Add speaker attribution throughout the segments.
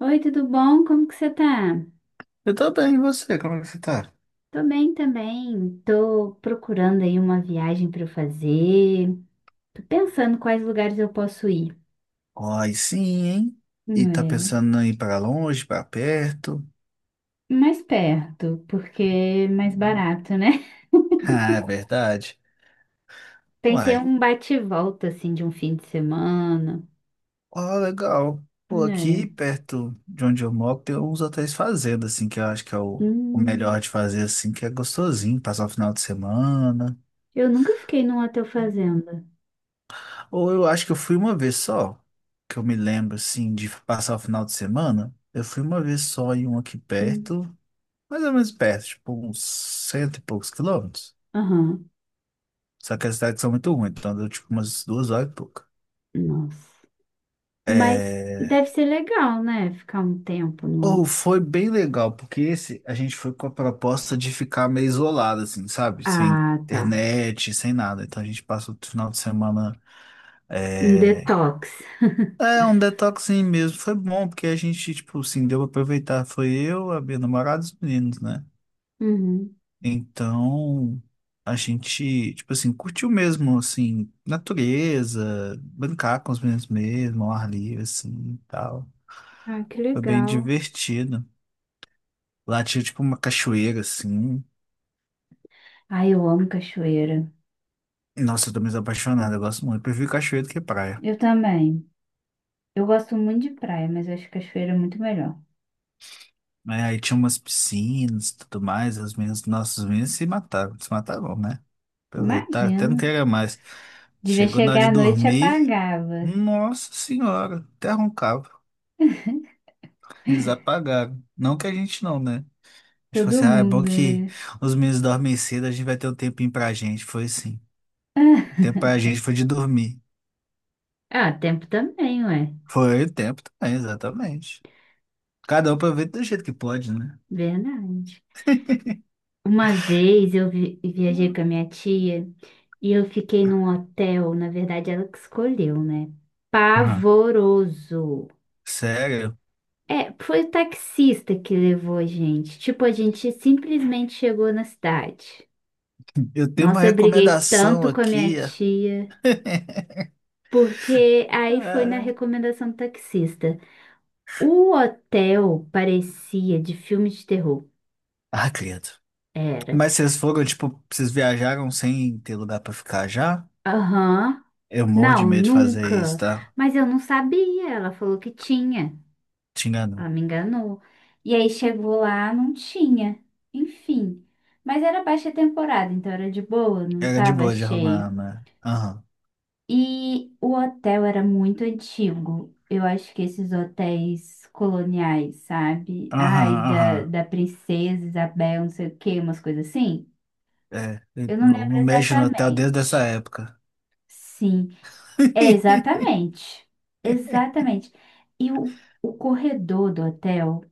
Speaker 1: Oi, tudo bom? Como que você tá?
Speaker 2: Eu tô bem, e você? Como é que você tá?
Speaker 1: Tô bem também. Tô procurando aí uma viagem para eu fazer. Tô pensando quais lugares eu posso ir.
Speaker 2: Ai, sim, hein? E tá
Speaker 1: É,
Speaker 2: pensando em ir pra longe, pra perto?
Speaker 1: mais perto, porque é mais
Speaker 2: Hum.
Speaker 1: barato, né?
Speaker 2: Ah, é verdade.
Speaker 1: Pensei em
Speaker 2: Uai.
Speaker 1: um bate-volta assim de um fim de semana.
Speaker 2: Ó, legal. Pô, aqui
Speaker 1: É.
Speaker 2: perto de onde eu moro tem uns hotéis fazenda, assim, que eu acho que é o
Speaker 1: Hum,
Speaker 2: melhor de fazer, assim, que é gostosinho, passar o final de semana.
Speaker 1: eu nunca fiquei num hotel fazenda.
Speaker 2: Ou eu acho que eu fui uma vez só, que eu me lembro, assim, de passar o final de semana. Eu fui uma vez só em um aqui
Speaker 1: Hum,
Speaker 2: perto, mais ou menos perto, tipo uns cento e poucos quilômetros.
Speaker 1: Aham.
Speaker 2: Só que as tardes são muito ruins, então deu tipo umas duas horas e pouca.
Speaker 1: Nossa. Mas
Speaker 2: É...
Speaker 1: deve ser legal, né? Ficar um tempo
Speaker 2: Ou
Speaker 1: num.
Speaker 2: foi bem legal, porque esse a gente foi com a proposta de ficar meio isolado, assim, sabe? Sem
Speaker 1: Ah, tá.
Speaker 2: internet, sem nada. Então a gente passou o final de semana.
Speaker 1: Um
Speaker 2: É,
Speaker 1: detox.
Speaker 2: é um detoxinho mesmo. Foi bom, porque a gente, tipo, assim, deu pra aproveitar. Foi eu, a minha namorada e os meninos, né?
Speaker 1: Uhum.
Speaker 2: Então, a gente, tipo assim, curtiu mesmo, assim, natureza, brincar com os meninos mesmo, ao ar livre, assim, e tal.
Speaker 1: Ah, que
Speaker 2: Foi bem
Speaker 1: legal.
Speaker 2: divertido. Lá tinha, tipo, uma cachoeira, assim.
Speaker 1: Ai, eu amo cachoeira.
Speaker 2: Nossa, eu tô meio apaixonado, eu gosto muito. Eu prefiro cachoeira do que praia.
Speaker 1: Eu também. Eu gosto muito de praia, mas eu acho cachoeira é muito melhor.
Speaker 2: Né, aí tinha umas piscinas e tudo mais, as meninas, nossos meninos se mataram, se mataram, né? Aproveitar, até
Speaker 1: Imagino.
Speaker 2: não queria mais.
Speaker 1: Devia
Speaker 2: Chegou na hora
Speaker 1: chegar
Speaker 2: de
Speaker 1: à noite e
Speaker 2: dormir,
Speaker 1: apagava.
Speaker 2: nossa senhora, até roncava. Eles apagaram. Não que a gente não, né? Tipo
Speaker 1: Todo
Speaker 2: assim, ah, é bom
Speaker 1: mundo,
Speaker 2: que
Speaker 1: né?
Speaker 2: os meninos dormem cedo, a gente vai ter um tempinho pra gente. Foi assim. O tempo pra gente foi de dormir.
Speaker 1: Ah, tempo também, ué.
Speaker 2: Foi o tempo também, exatamente. Cada um aproveita do jeito que pode, né?
Speaker 1: Verdade. Uma vez eu viajei com a minha tia e eu fiquei num hotel, na verdade ela que escolheu, né?
Speaker 2: Aham.
Speaker 1: Pavoroso.
Speaker 2: Sério.
Speaker 1: É, foi o taxista que levou a gente. Tipo, a gente simplesmente chegou na cidade.
Speaker 2: Eu tenho uma
Speaker 1: Nossa, eu briguei
Speaker 2: recomendação
Speaker 1: tanto com a minha
Speaker 2: aqui.
Speaker 1: tia, porque aí foi na
Speaker 2: Ah,
Speaker 1: recomendação do taxista. O hotel parecia de filme de terror.
Speaker 2: ah, credo.
Speaker 1: Era.
Speaker 2: Mas vocês foram, tipo, vocês viajaram sem ter lugar pra ficar já?
Speaker 1: Aham.
Speaker 2: Eu morro de
Speaker 1: Não,
Speaker 2: medo de fazer isso,
Speaker 1: nunca.
Speaker 2: tá?
Speaker 1: Mas eu não sabia. Ela falou que tinha.
Speaker 2: Te engano.
Speaker 1: Ela me enganou. E aí chegou lá, não tinha. Enfim. Mas era baixa temporada, então era de boa, não
Speaker 2: Era de
Speaker 1: tava
Speaker 2: boa de arrumar,
Speaker 1: cheio.
Speaker 2: né? Aham.
Speaker 1: E o hotel era muito antigo. Eu acho que esses hotéis coloniais, sabe? Ai,
Speaker 2: Aham,
Speaker 1: da,
Speaker 2: aham.
Speaker 1: da Princesa Isabel, não sei o quê, umas coisas assim.
Speaker 2: É, eu
Speaker 1: Eu não
Speaker 2: não
Speaker 1: lembro
Speaker 2: não mexo no hotel desde essa
Speaker 1: exatamente.
Speaker 2: época.
Speaker 1: Sim, é exatamente. Exatamente. E o, o corredor do hotel,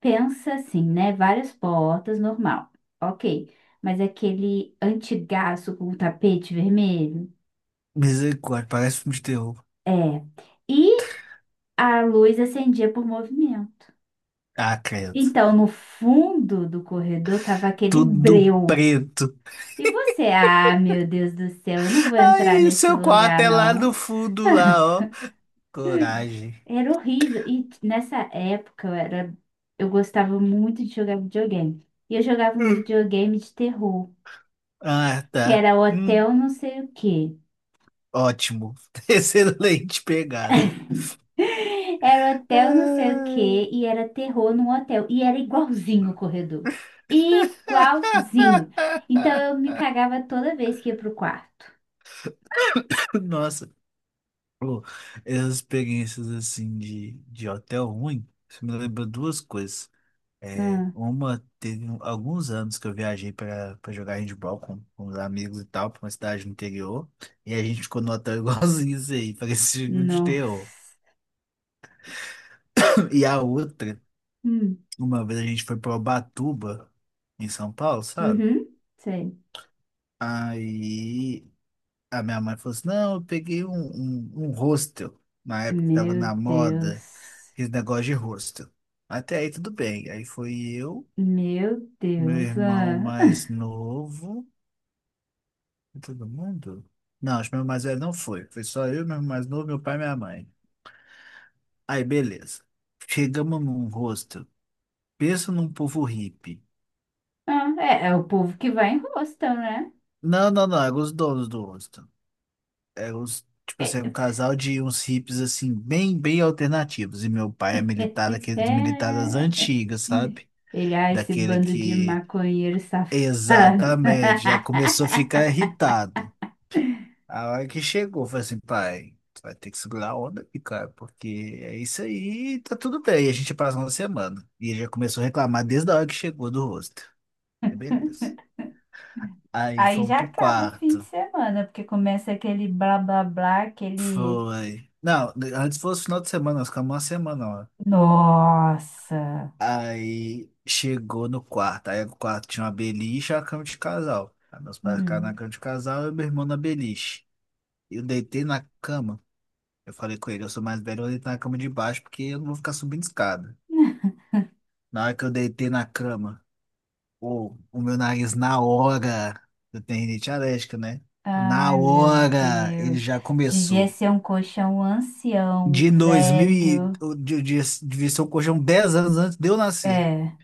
Speaker 1: pensa assim, né? Várias portas, normal. Ok. Mas aquele antigaço com o tapete vermelho.
Speaker 2: Misericórdia, parece filme de terror.
Speaker 1: É. E a luz acendia por movimento.
Speaker 2: Ah, credo.
Speaker 1: Então, no fundo do corredor tava aquele
Speaker 2: Tudo
Speaker 1: breu.
Speaker 2: preto.
Speaker 1: E você, ah, meu Deus do céu, eu não vou entrar
Speaker 2: Ai,
Speaker 1: nesse
Speaker 2: seu quarto
Speaker 1: lugar,
Speaker 2: é lá no
Speaker 1: não.
Speaker 2: fundo, lá, ó. Coragem.
Speaker 1: Era horrível. Nessa época eu era, eu gostava muito de jogar videogame. E eu jogava um
Speaker 2: Hum.
Speaker 1: videogame de terror,
Speaker 2: Ah,
Speaker 1: que
Speaker 2: tá.
Speaker 1: era hotel não sei o quê.
Speaker 2: Ótimo. Excelente pegada.
Speaker 1: Era hotel não sei o
Speaker 2: Ah,
Speaker 1: quê e era terror num hotel. E era igualzinho o corredor. Igualzinho. Então eu me cagava toda vez que ia pro quarto.
Speaker 2: nossa, pô, essas experiências assim de hotel ruim, isso me lembra duas coisas. É,
Speaker 1: Hum.
Speaker 2: uma, teve alguns anos que eu viajei para jogar handball com os amigos e tal, pra uma cidade do interior, e a gente ficou no hotel igualzinho isso aí, parecia filme de terror.
Speaker 1: Nossa.
Speaker 2: E a outra,
Speaker 1: Hum.
Speaker 2: uma vez a gente foi pra Ubatuba, em São Paulo, sabe?
Speaker 1: Uhum. Sei.
Speaker 2: Aí a minha mãe falou assim: não, eu peguei um hostel, na época que tava
Speaker 1: Meu
Speaker 2: na moda,
Speaker 1: Deus.
Speaker 2: aquele negócio de hostel. Até aí tudo bem. Aí foi eu,
Speaker 1: Meu
Speaker 2: meu
Speaker 1: Deus.
Speaker 2: irmão
Speaker 1: Ah.
Speaker 2: mais novo. Todo mundo? Não, acho que meu mais velho não foi. Foi só eu, meu mais novo, meu pai e minha mãe. Aí, beleza. Chegamos num rosto. Pensa num povo hippie.
Speaker 1: Ah, é, é o povo que vai em hostel, né?
Speaker 2: Não, não, não. Eram os donos do rosto. Eram os, tipo
Speaker 1: É,
Speaker 2: assim, um casal de uns hippies, assim, bem, bem alternativos. E meu pai é militar, daqueles militares das
Speaker 1: é-
Speaker 2: antigas, sabe?
Speaker 1: Ele, ah, esse
Speaker 2: Daquele
Speaker 1: bando de
Speaker 2: que.
Speaker 1: maconheiro safado.
Speaker 2: Exatamente. Já começou a ficar irritado. A hora que chegou, eu falei assim, pai, tu vai ter que segurar a onda aqui, cara, porque é isso aí, tá tudo bem. E a gente passou uma semana. E ele já começou a reclamar desde a hora que chegou do rosto. É, beleza. Aí
Speaker 1: Aí
Speaker 2: fomos
Speaker 1: já
Speaker 2: pro
Speaker 1: acaba o fim de
Speaker 2: quarto.
Speaker 1: semana, porque começa aquele blá blá blá, aquele.
Speaker 2: Foi. Não, antes fosse final de semana, nós ficamos uma semana, ó.
Speaker 1: Nossa!
Speaker 2: Aí chegou no quarto. Aí o quarto tinha uma beliche e a cama de casal. Aí meus pais ficaram na
Speaker 1: Hum.
Speaker 2: cama de casal e meu irmão na beliche. Eu deitei na cama. Eu falei com ele, eu sou mais velho, eu vou deitar na cama de baixo porque eu não vou ficar subindo escada. Na hora que eu deitei na cama, pô, o meu nariz na hora, eu tenho rinite alérgica, né? Na
Speaker 1: Ai, meu
Speaker 2: hora ele
Speaker 1: Deus.
Speaker 2: já
Speaker 1: Devia
Speaker 2: começou.
Speaker 1: ser um colchão ancião,
Speaker 2: De 2000,
Speaker 1: velho.
Speaker 2: devia ser o colchão 10 anos antes de eu nascer.
Speaker 1: É,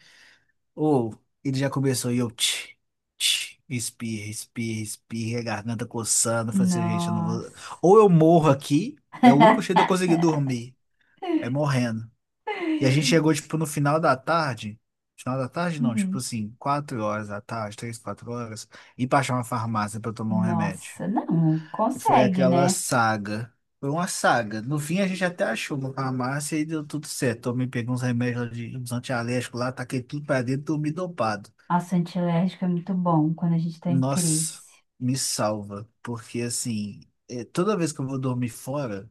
Speaker 2: Ou ele já começou e eu tch, tch, espirra, espirra, espirra, a garganta coçando. Eu falei assim, gente, eu não vou.
Speaker 1: nossa.
Speaker 2: Ou eu morro aqui, é o único jeito de eu conseguir dormir, é morrendo. E a gente chegou, tipo, no final da tarde. Final da tarde, não, tipo
Speaker 1: Hum,
Speaker 2: assim, 4 horas da tarde, três, quatro horas, e pra achar uma farmácia pra tomar um remédio.
Speaker 1: nossa, não
Speaker 2: E foi
Speaker 1: consegue,
Speaker 2: aquela
Speaker 1: né?
Speaker 2: saga. Foi uma saga. No fim, a gente até achou uma farmácia e deu tudo certo. Tomei, peguei uns remédios lá de uns antialérgicos lá, taquei tudo pra dentro, dormi dopado.
Speaker 1: Nossa, antialérgico é muito bom quando a gente tá em
Speaker 2: Nossa,
Speaker 1: crise.
Speaker 2: me salva. Porque, assim, toda vez que eu vou dormir fora,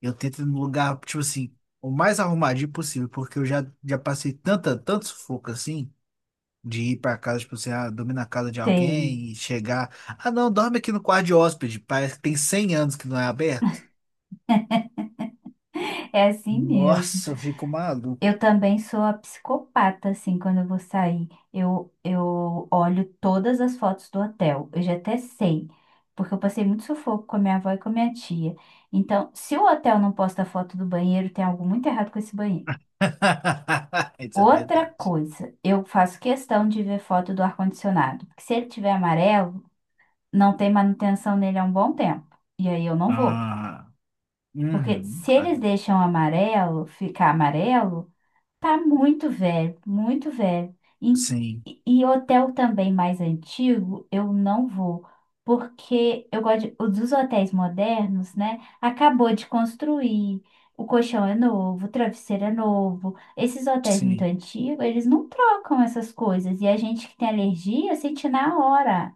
Speaker 2: eu tento ir num lugar, tipo assim, o mais arrumadinho possível, porque eu já passei tanto sufoco assim. De ir para casa, tipo assim, ah, dormir na casa de
Speaker 1: Tem.
Speaker 2: alguém e chegar. Ah, não, dorme aqui no quarto de hóspede. Parece que tem 100 anos que não é aberto.
Speaker 1: É assim mesmo.
Speaker 2: Nossa, eu fico maluco.
Speaker 1: Eu também sou a psicopata, assim, quando eu vou sair. Eu olho todas as fotos do hotel. Eu já até sei, porque eu passei muito sufoco com a minha avó e com a minha tia. Então, se o hotel não posta foto do banheiro, tem algo muito errado com esse banheiro.
Speaker 2: Isso é
Speaker 1: Outra
Speaker 2: verdade.
Speaker 1: coisa, eu faço questão de ver foto do ar-condicionado. Porque se ele tiver amarelo, não tem manutenção nele há um bom tempo. E aí eu não vou.
Speaker 2: Ah,
Speaker 1: Porque
Speaker 2: uhum.
Speaker 1: se
Speaker 2: Ah,
Speaker 1: eles deixam amarelo ficar amarelo. Tá muito velho, muito velho. E,
Speaker 2: sim,
Speaker 1: e hotel também mais antigo, eu não vou, porque eu gosto de, os dos hotéis modernos, né? Acabou de construir, o colchão é novo, o travesseiro é novo. Esses hotéis muito
Speaker 2: sim.
Speaker 1: antigos, eles não trocam essas coisas. E a gente que tem alergia sente na hora.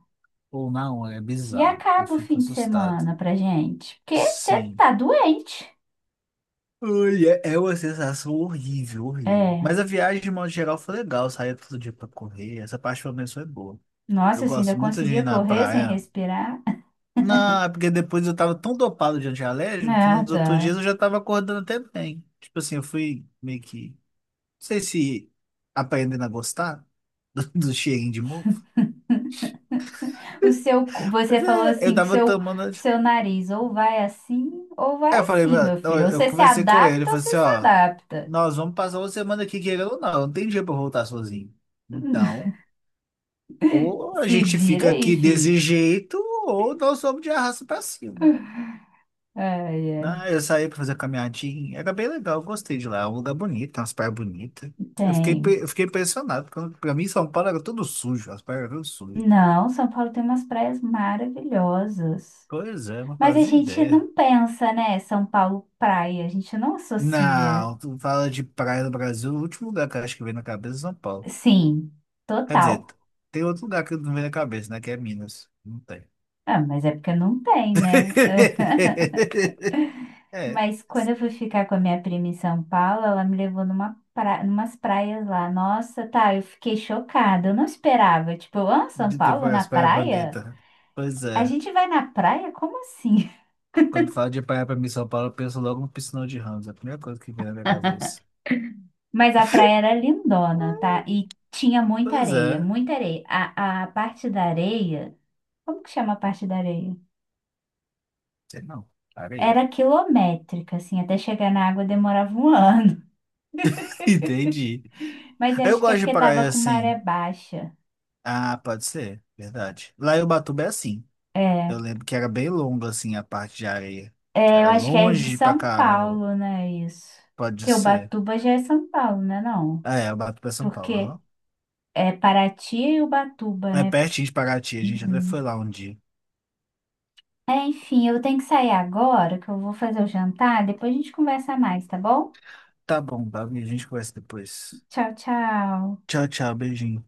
Speaker 2: Ou não, é
Speaker 1: E
Speaker 2: bizarro. Eu
Speaker 1: acaba o
Speaker 2: fico
Speaker 1: fim de
Speaker 2: assustado.
Speaker 1: semana pra gente, porque você
Speaker 2: Sim.
Speaker 1: tá doente.
Speaker 2: Ai, é uma sensação horrível, horrível.
Speaker 1: É,
Speaker 2: Mas a viagem, de modo geral, foi legal. Saía todo dia pra correr. Essa parte, pelo menos, foi boa. Eu
Speaker 1: nossa, se ainda
Speaker 2: gosto muito de ir
Speaker 1: conseguia
Speaker 2: na
Speaker 1: correr sem
Speaker 2: praia.
Speaker 1: respirar.
Speaker 2: Não, é porque depois eu tava tão dopado de antialérgico que nos outros dias
Speaker 1: Nada.
Speaker 2: eu já tava acordando até bem. Tipo assim, eu fui meio que. Não sei se aprendendo a gostar do cheirinho de mofo.
Speaker 1: O seu, você
Speaker 2: Mas
Speaker 1: falou
Speaker 2: é, eu
Speaker 1: assim
Speaker 2: tava
Speaker 1: pro
Speaker 2: tomando anti-.
Speaker 1: seu nariz, ou
Speaker 2: Aí
Speaker 1: vai
Speaker 2: eu falei,
Speaker 1: assim,
Speaker 2: mano,
Speaker 1: meu
Speaker 2: eu,
Speaker 1: filho. Ou
Speaker 2: eu
Speaker 1: você se
Speaker 2: conversei com ele, eu
Speaker 1: adapta, ou
Speaker 2: falei
Speaker 1: você
Speaker 2: assim,
Speaker 1: se
Speaker 2: ó,
Speaker 1: adapta.
Speaker 2: nós vamos passar uma semana aqui querendo ou não, não tem dia pra eu voltar sozinho. Então, ou a
Speaker 1: Se
Speaker 2: gente
Speaker 1: vira
Speaker 2: fica
Speaker 1: aí,
Speaker 2: aqui desse
Speaker 1: fi.
Speaker 2: jeito, ou nós vamos de arrasto pra cima.
Speaker 1: Ai, ai.
Speaker 2: Não, eu saí pra fazer caminhadinha. Era bem legal, eu gostei de lá. É um lugar bonito, tem umas praias bonitas.
Speaker 1: Tem.
Speaker 2: Eu fiquei impressionado. Quando, pra mim, São Paulo era tudo sujo, as praias eram sujas.
Speaker 1: Não, São Paulo tem umas praias maravilhosas.
Speaker 2: Pois é, não
Speaker 1: Mas a
Speaker 2: fazia
Speaker 1: gente
Speaker 2: ideia.
Speaker 1: não pensa, né? São Paulo praia, a gente não associa.
Speaker 2: Não, tu fala de praia no Brasil, o último lugar que eu acho que vem na cabeça é São Paulo.
Speaker 1: Sim,
Speaker 2: Quer
Speaker 1: total.
Speaker 2: dizer, tem outro lugar que não vem na cabeça, né? Que é Minas. Não tem.
Speaker 1: Ah, mas é porque não tem, né?
Speaker 2: É,
Speaker 1: Mas quando eu fui ficar com a minha prima em São Paulo, ela me levou numa pra... numas praias lá. Nossa, tá, eu fiquei chocada. Eu não esperava. Tipo, ah, São
Speaker 2: de ter
Speaker 1: Paulo na
Speaker 2: várias praias
Speaker 1: praia?
Speaker 2: bonitas. Pois
Speaker 1: A
Speaker 2: é.
Speaker 1: gente vai na praia? Como assim?
Speaker 2: Quando fala de praia pra mim, em São Paulo, eu penso logo no Piscinão de Ramos. É a primeira coisa que vem na minha cabeça.
Speaker 1: Mas a praia era lindona, tá? E tinha muita
Speaker 2: Pois
Speaker 1: areia,
Speaker 2: é.
Speaker 1: muita areia. A parte da areia, como que chama a parte da areia?
Speaker 2: Sei não. Para aí.
Speaker 1: Era quilométrica, assim, até chegar na água demorava um ano.
Speaker 2: Entendi.
Speaker 1: Mas eu
Speaker 2: Aí eu
Speaker 1: acho que é
Speaker 2: gosto de
Speaker 1: porque tava
Speaker 2: praia
Speaker 1: com maré
Speaker 2: assim.
Speaker 1: baixa.
Speaker 2: Ah, pode ser. Verdade. Lá em Ubatuba é assim. Eu
Speaker 1: É.
Speaker 2: lembro que era bem longo assim a parte de areia. Que
Speaker 1: É, eu
Speaker 2: era
Speaker 1: acho que é de
Speaker 2: longe pra
Speaker 1: São
Speaker 2: caramba.
Speaker 1: Paulo, né, isso?
Speaker 2: Pode
Speaker 1: Porque
Speaker 2: ser.
Speaker 1: Ubatuba já é São Paulo, né, não?
Speaker 2: Ah, é. Ubatuba é São Paulo.
Speaker 1: Porque
Speaker 2: Aham.
Speaker 1: é Paraty e Ubatuba,
Speaker 2: É
Speaker 1: né?
Speaker 2: pertinho de Paraty. A gente até foi
Speaker 1: Uhum.
Speaker 2: lá um dia.
Speaker 1: É, enfim, eu tenho que sair agora, que eu vou fazer o jantar, depois a gente conversa mais, tá bom?
Speaker 2: Tá bom, Davi. A gente conversa depois.
Speaker 1: Tchau, tchau.
Speaker 2: Tchau, tchau. Beijinho.